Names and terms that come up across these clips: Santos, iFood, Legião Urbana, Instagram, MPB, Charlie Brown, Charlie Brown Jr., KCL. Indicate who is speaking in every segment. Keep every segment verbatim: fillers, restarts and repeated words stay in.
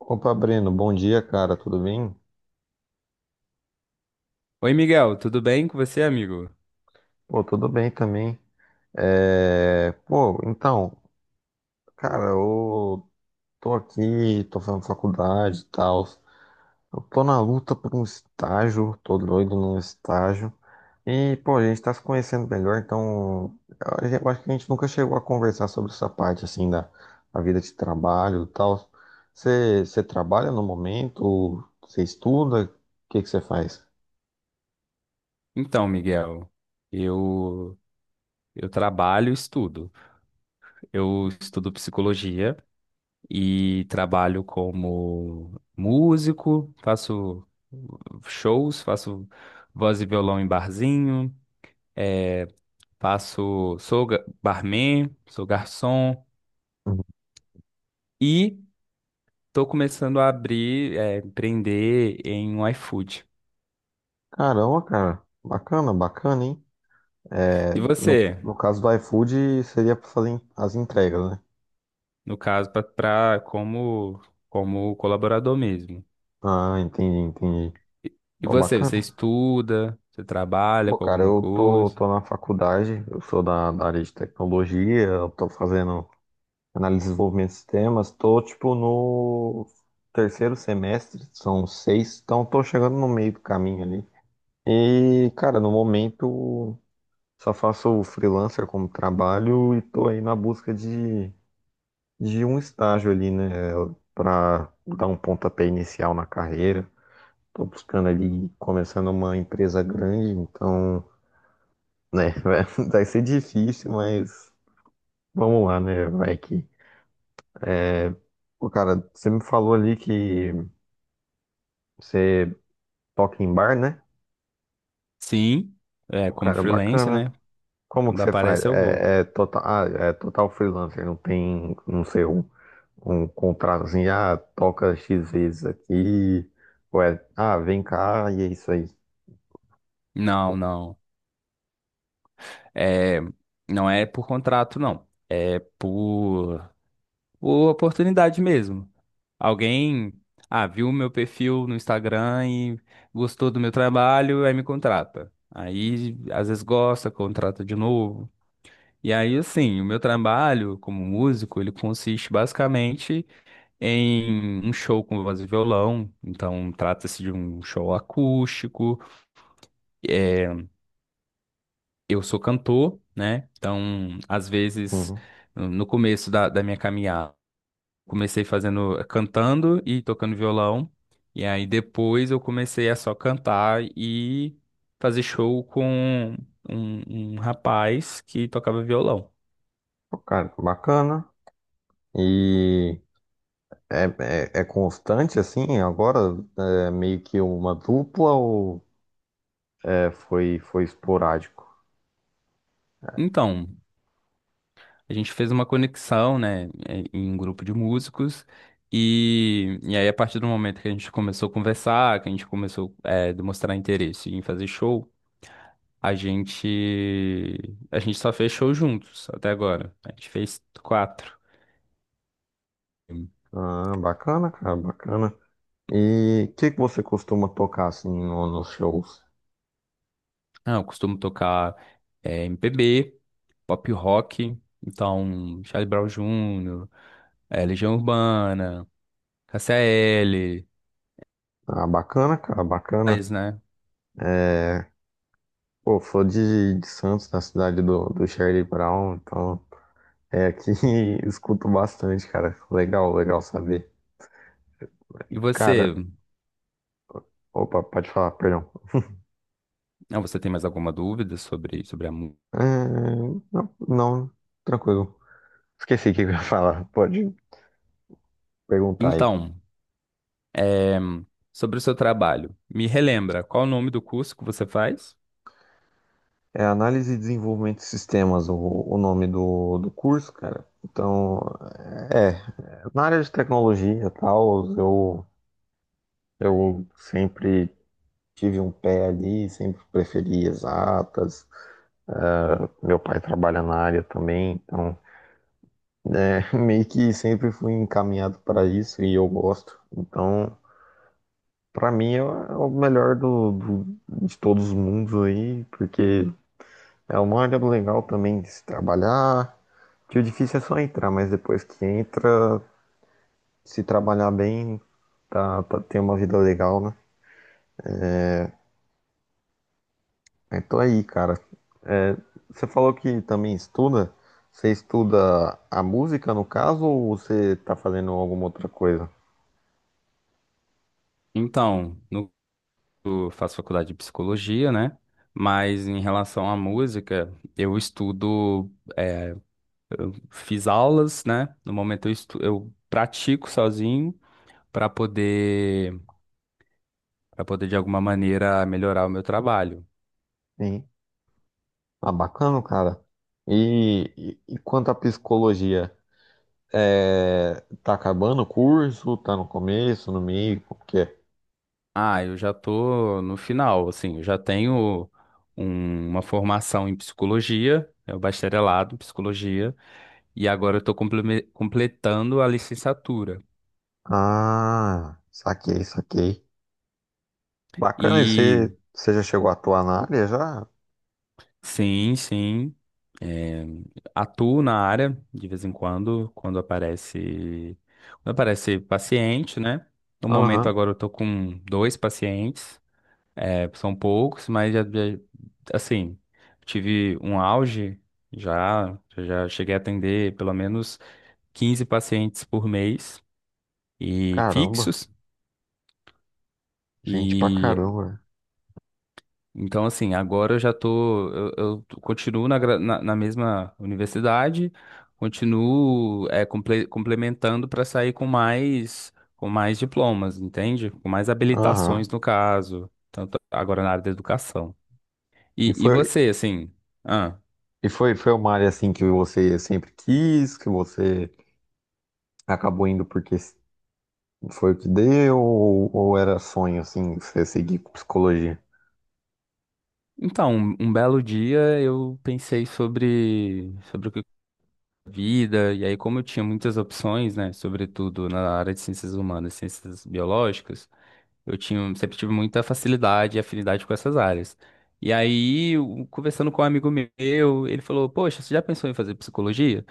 Speaker 1: Opa, Breno, bom dia, cara, tudo bem?
Speaker 2: Oi, Miguel, tudo bem com você, amigo?
Speaker 1: Pô, tudo bem também. É, Pô, então, cara, eu tô aqui, tô fazendo faculdade e tal. Eu tô na luta por um estágio, tô doido num estágio. E, pô, a gente tá se conhecendo melhor, então a gen- eu acho que a gente nunca chegou a conversar sobre essa parte, assim, da, da vida de trabalho e tal. Você você trabalha no momento? Você estuda? O que que você faz?
Speaker 2: Então, Miguel, eu eu trabalho e estudo. Eu estudo psicologia e trabalho como músico, faço shows, faço voz e violão em barzinho, eh, faço, sou ga- barman, sou garçom e estou começando a abrir, eh, empreender em um iFood.
Speaker 1: Caramba, cara. Bacana, bacana, hein? É,
Speaker 2: E
Speaker 1: no,
Speaker 2: você?
Speaker 1: no caso do iFood, seria pra fazer en- as entregas, né?
Speaker 2: No caso, para como como colaborador mesmo.
Speaker 1: Ah, entendi, entendi.
Speaker 2: E
Speaker 1: Pô,
Speaker 2: você, você
Speaker 1: bacana.
Speaker 2: estuda, você trabalha
Speaker 1: Pô,
Speaker 2: com
Speaker 1: cara,
Speaker 2: alguma
Speaker 1: eu tô,
Speaker 2: coisa?
Speaker 1: tô na faculdade, eu sou da, da área de tecnologia, eu tô fazendo análise de desenvolvimento de sistemas, tô, tipo, no terceiro semestre, são seis, então tô chegando no meio do caminho ali. E, cara, no momento, só faço freelancer como trabalho e tô aí na busca de de um estágio ali, né, para dar um pontapé inicial na carreira. Tô buscando ali começando uma empresa grande, então, né, vai, vai ser difícil, mas vamos lá, né, vai que. é, Pô, cara, você me falou ali que você toca em bar, né?
Speaker 2: Sim, é
Speaker 1: Pô,
Speaker 2: como
Speaker 1: cara,
Speaker 2: freelance,
Speaker 1: bacana.
Speaker 2: né?
Speaker 1: Como que
Speaker 2: Quando
Speaker 1: você faz?
Speaker 2: aparece eu vou.
Speaker 1: É, é total, ah, é total freelancer, não tem, não sei, um, um contrato assim, ah, toca X vezes aqui, ou é, ah, vem cá e é isso aí.
Speaker 2: Não, não. É, não é por contrato, não. É por, por oportunidade mesmo. Alguém, ah, viu meu perfil no Instagram e gostou do meu trabalho, aí me contrata. Aí, às vezes gosta, contrata de novo. E aí, assim, o meu trabalho como músico, ele consiste basicamente em um show com voz e violão. Então, trata-se de um show acústico. É, eu sou cantor, né? Então, às vezes,
Speaker 1: Sim.
Speaker 2: no começo da, da minha caminhada, comecei fazendo, cantando e tocando violão. E aí, depois, eu comecei a só cantar e fazer show com um um rapaz que tocava violão.
Speaker 1: Pô, cara, que bacana. E é, é, é constante assim? Agora é meio que uma dupla ou é, foi, foi esporádico?
Speaker 2: Então, a gente fez uma conexão, né, eh, em um grupo de músicos. E, e aí, a partir do momento que a gente começou a conversar, que a gente começou a demonstrar interesse em fazer show, a gente, a gente só fez show juntos até agora. A gente fez quatro.
Speaker 1: Ah, bacana, cara, bacana. E o que que você costuma tocar assim no- nos shows?
Speaker 2: Ah, eu costumo tocar eh, M P B, pop rock, então Charlie Brown júnior, eh, Legião Urbana, K C L,
Speaker 1: Ah, bacana, cara, bacana.
Speaker 2: mas, né?
Speaker 1: É, pô, sou de, de Santos, da cidade do, do Charlie Brown, então é aqui escuto bastante, cara. Legal, legal saber.
Speaker 2: E
Speaker 1: Cara,
Speaker 2: você?
Speaker 1: opa, pode falar, perdão.
Speaker 2: Ah, você tem mais alguma dúvida sobre, sobre a música?
Speaker 1: É, não, não, tranquilo. Esqueci o que eu ia falar. Pode perguntar aí.
Speaker 2: Então, é, sobre o seu trabalho, me relembra, qual o nome do curso que você faz?
Speaker 1: É análise e desenvolvimento de sistemas, o, o nome do, do curso, cara. Então, é, na área de tecnologia e tal, eu, eu sempre tive um pé ali, sempre preferi exatas. Ah, meu pai trabalha na área também, então, é, meio que sempre fui encaminhado para isso e eu gosto. Então, pra mim é o melhor do, do- de todos os mundos aí, porque é uma área legal também de se trabalhar, que o difícil é só entrar, mas depois que entra, se trabalhar bem, tá, tá, tem uma vida legal, né? Então aí, cara, é, você falou que também estuda, você estuda a música no caso, ou você tá fazendo alguma outra coisa?
Speaker 2: Então, no- eu faço faculdade de psicologia, né? Mas em relação à música, eu estudo, é, fiz aulas, né? No momento eu, estu- eu pratico sozinho para poder, para poder de alguma maneira melhorar o meu trabalho.
Speaker 1: Sim. Ah, bacana, cara. E, e, e quanto à psicologia? É, tá acabando o curso? Tá no começo, no meio? Como que é?
Speaker 2: Ah, eu já tô no final, assim, eu já tenho um- uma formação em psicologia, é o bacharelado em psicologia. E agora eu estou completando a licenciatura.
Speaker 1: Ah, saquei, saquei. Bacana, e
Speaker 2: E
Speaker 1: você, você já chegou a atuar na área já?
Speaker 2: sim, sim, é, atuo na área de vez em quando, quando aparece, quando aparece paciente, né? No momento
Speaker 1: Aham.
Speaker 2: agora eu estou com dois pacientes, é, são poucos, mas já, já- assim, tive um auge já, já cheguei a atender pelo menos quinze pacientes por mês e
Speaker 1: Caramba,
Speaker 2: fixos.
Speaker 1: gente pra
Speaker 2: E
Speaker 1: caramba.
Speaker 2: então, assim, agora eu já tô. Eu, eu t- continuo na, gra- na, na mesma universidade, continuo é, comple- complementando para sair com mais, com mais diplomas, entende? Com mais
Speaker 1: Aham.
Speaker 2: habilitações, no caso, tanto agora na área da educação.
Speaker 1: E
Speaker 2: E, e
Speaker 1: foi,
Speaker 2: você, assim. Ah,
Speaker 1: e foi, foi uma área assim que você sempre quis, que você acabou indo porque foi o que deu, ou, ou era sonho assim, você seguir com psicologia?
Speaker 2: então, um, um belo dia eu pensei sobre, sobre o que vida, e aí, como eu tinha muitas opções, né, sobretudo na área de ciências humanas, ciências biológicas. Eu tinha, sempre tive muita facilidade e afinidade com essas áreas. E aí, o- conversando com um amigo meu, ele falou: Poxa, você já pensou em fazer psicologia?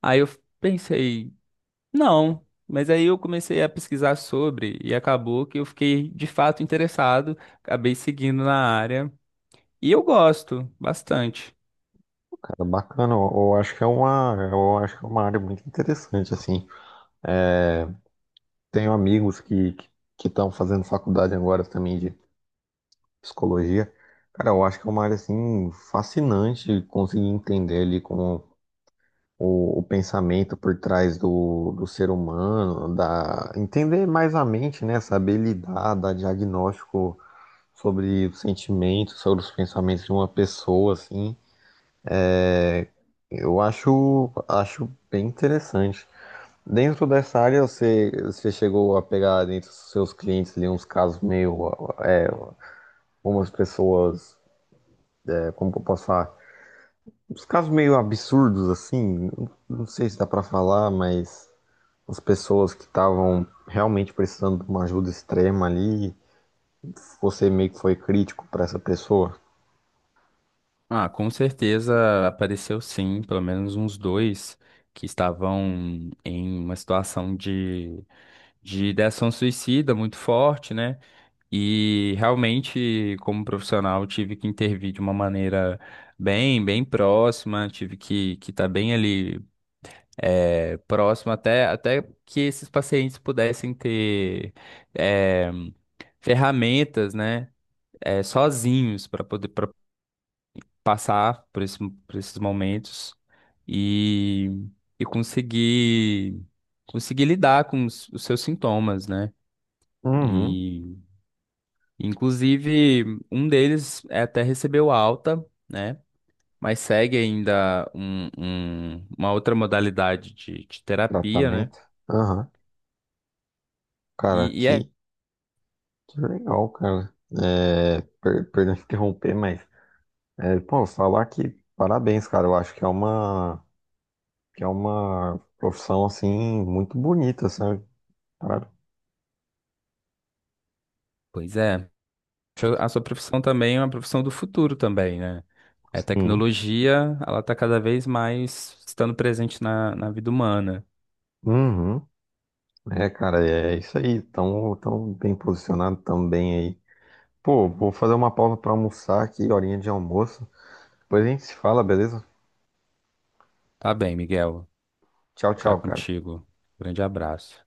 Speaker 2: Aí eu pensei: Não. Mas aí eu comecei a pesquisar sobre e acabou que eu fiquei de fato interessado, acabei seguindo na área. E eu gosto bastante.
Speaker 1: Cara, bacana, eu, eu acho que é uma, eu acho que é uma área muito interessante, assim. Tenho amigos que que estão fazendo faculdade agora também de psicologia. Cara, eu acho que é uma área assim fascinante conseguir entender ali como o, o pensamento por trás do, do ser humano, da entender mais a mente, né? Saber lidar, dar diagnóstico sobre os sentimentos, sobre os pensamentos de uma pessoa, assim. Eu acho acho bem interessante. Dentro dessa área, você, você chegou a pegar dentro dos seus clientes ali uns casos meio, é, umas pessoas, é, como que eu posso falar, uns casos meio absurdos assim, não, não sei se dá pra falar, mas as pessoas que estavam realmente precisando de uma ajuda extrema ali, você meio que foi crítico pra essa pessoa.
Speaker 2: Ah, com certeza apareceu sim, pelo menos uns dois que estavam em uma situação de, de ideação suicida muito forte, né? E realmente, como profissional, tive que intervir de uma maneira bem, bem próxima, tive que que estar bem ali é, próximo até, até que esses pacientes pudessem ter é, ferramentas, né, é, sozinhos para poder pra passar por esse, por esses momentos e, e conseguir, conseguir lidar com os, os seus sintomas, né?
Speaker 1: Uhum.
Speaker 2: Inclusive, um deles é, até recebeu alta, né? Mas segue ainda um- um- uma outra modalidade de, de terapia, né?
Speaker 1: Tratamento. Aham. Cara,
Speaker 2: E, e é,
Speaker 1: que, que legal, cara. É, per- perdão interromper, mas é, pô, falar que parabéns, cara. Eu acho que é uma que é uma profissão assim muito bonita, sabe? Para-
Speaker 2: pois é, a sua profissão também é uma profissão do futuro também, né? A
Speaker 1: Sim.
Speaker 2: tecnologia, ela está cada vez mais estando presente na, na vida humana.
Speaker 1: Uhum. É, cara, é isso aí. Tão, tão bem posicionado também aí. Pô, vou fazer uma pausa pra almoçar aqui, horinha de almoço. Depois a gente se fala, beleza?
Speaker 2: Tá bem, Miguel.
Speaker 1: Tchau,
Speaker 2: Vou ficar
Speaker 1: tchau, cara.
Speaker 2: contigo. Grande abraço.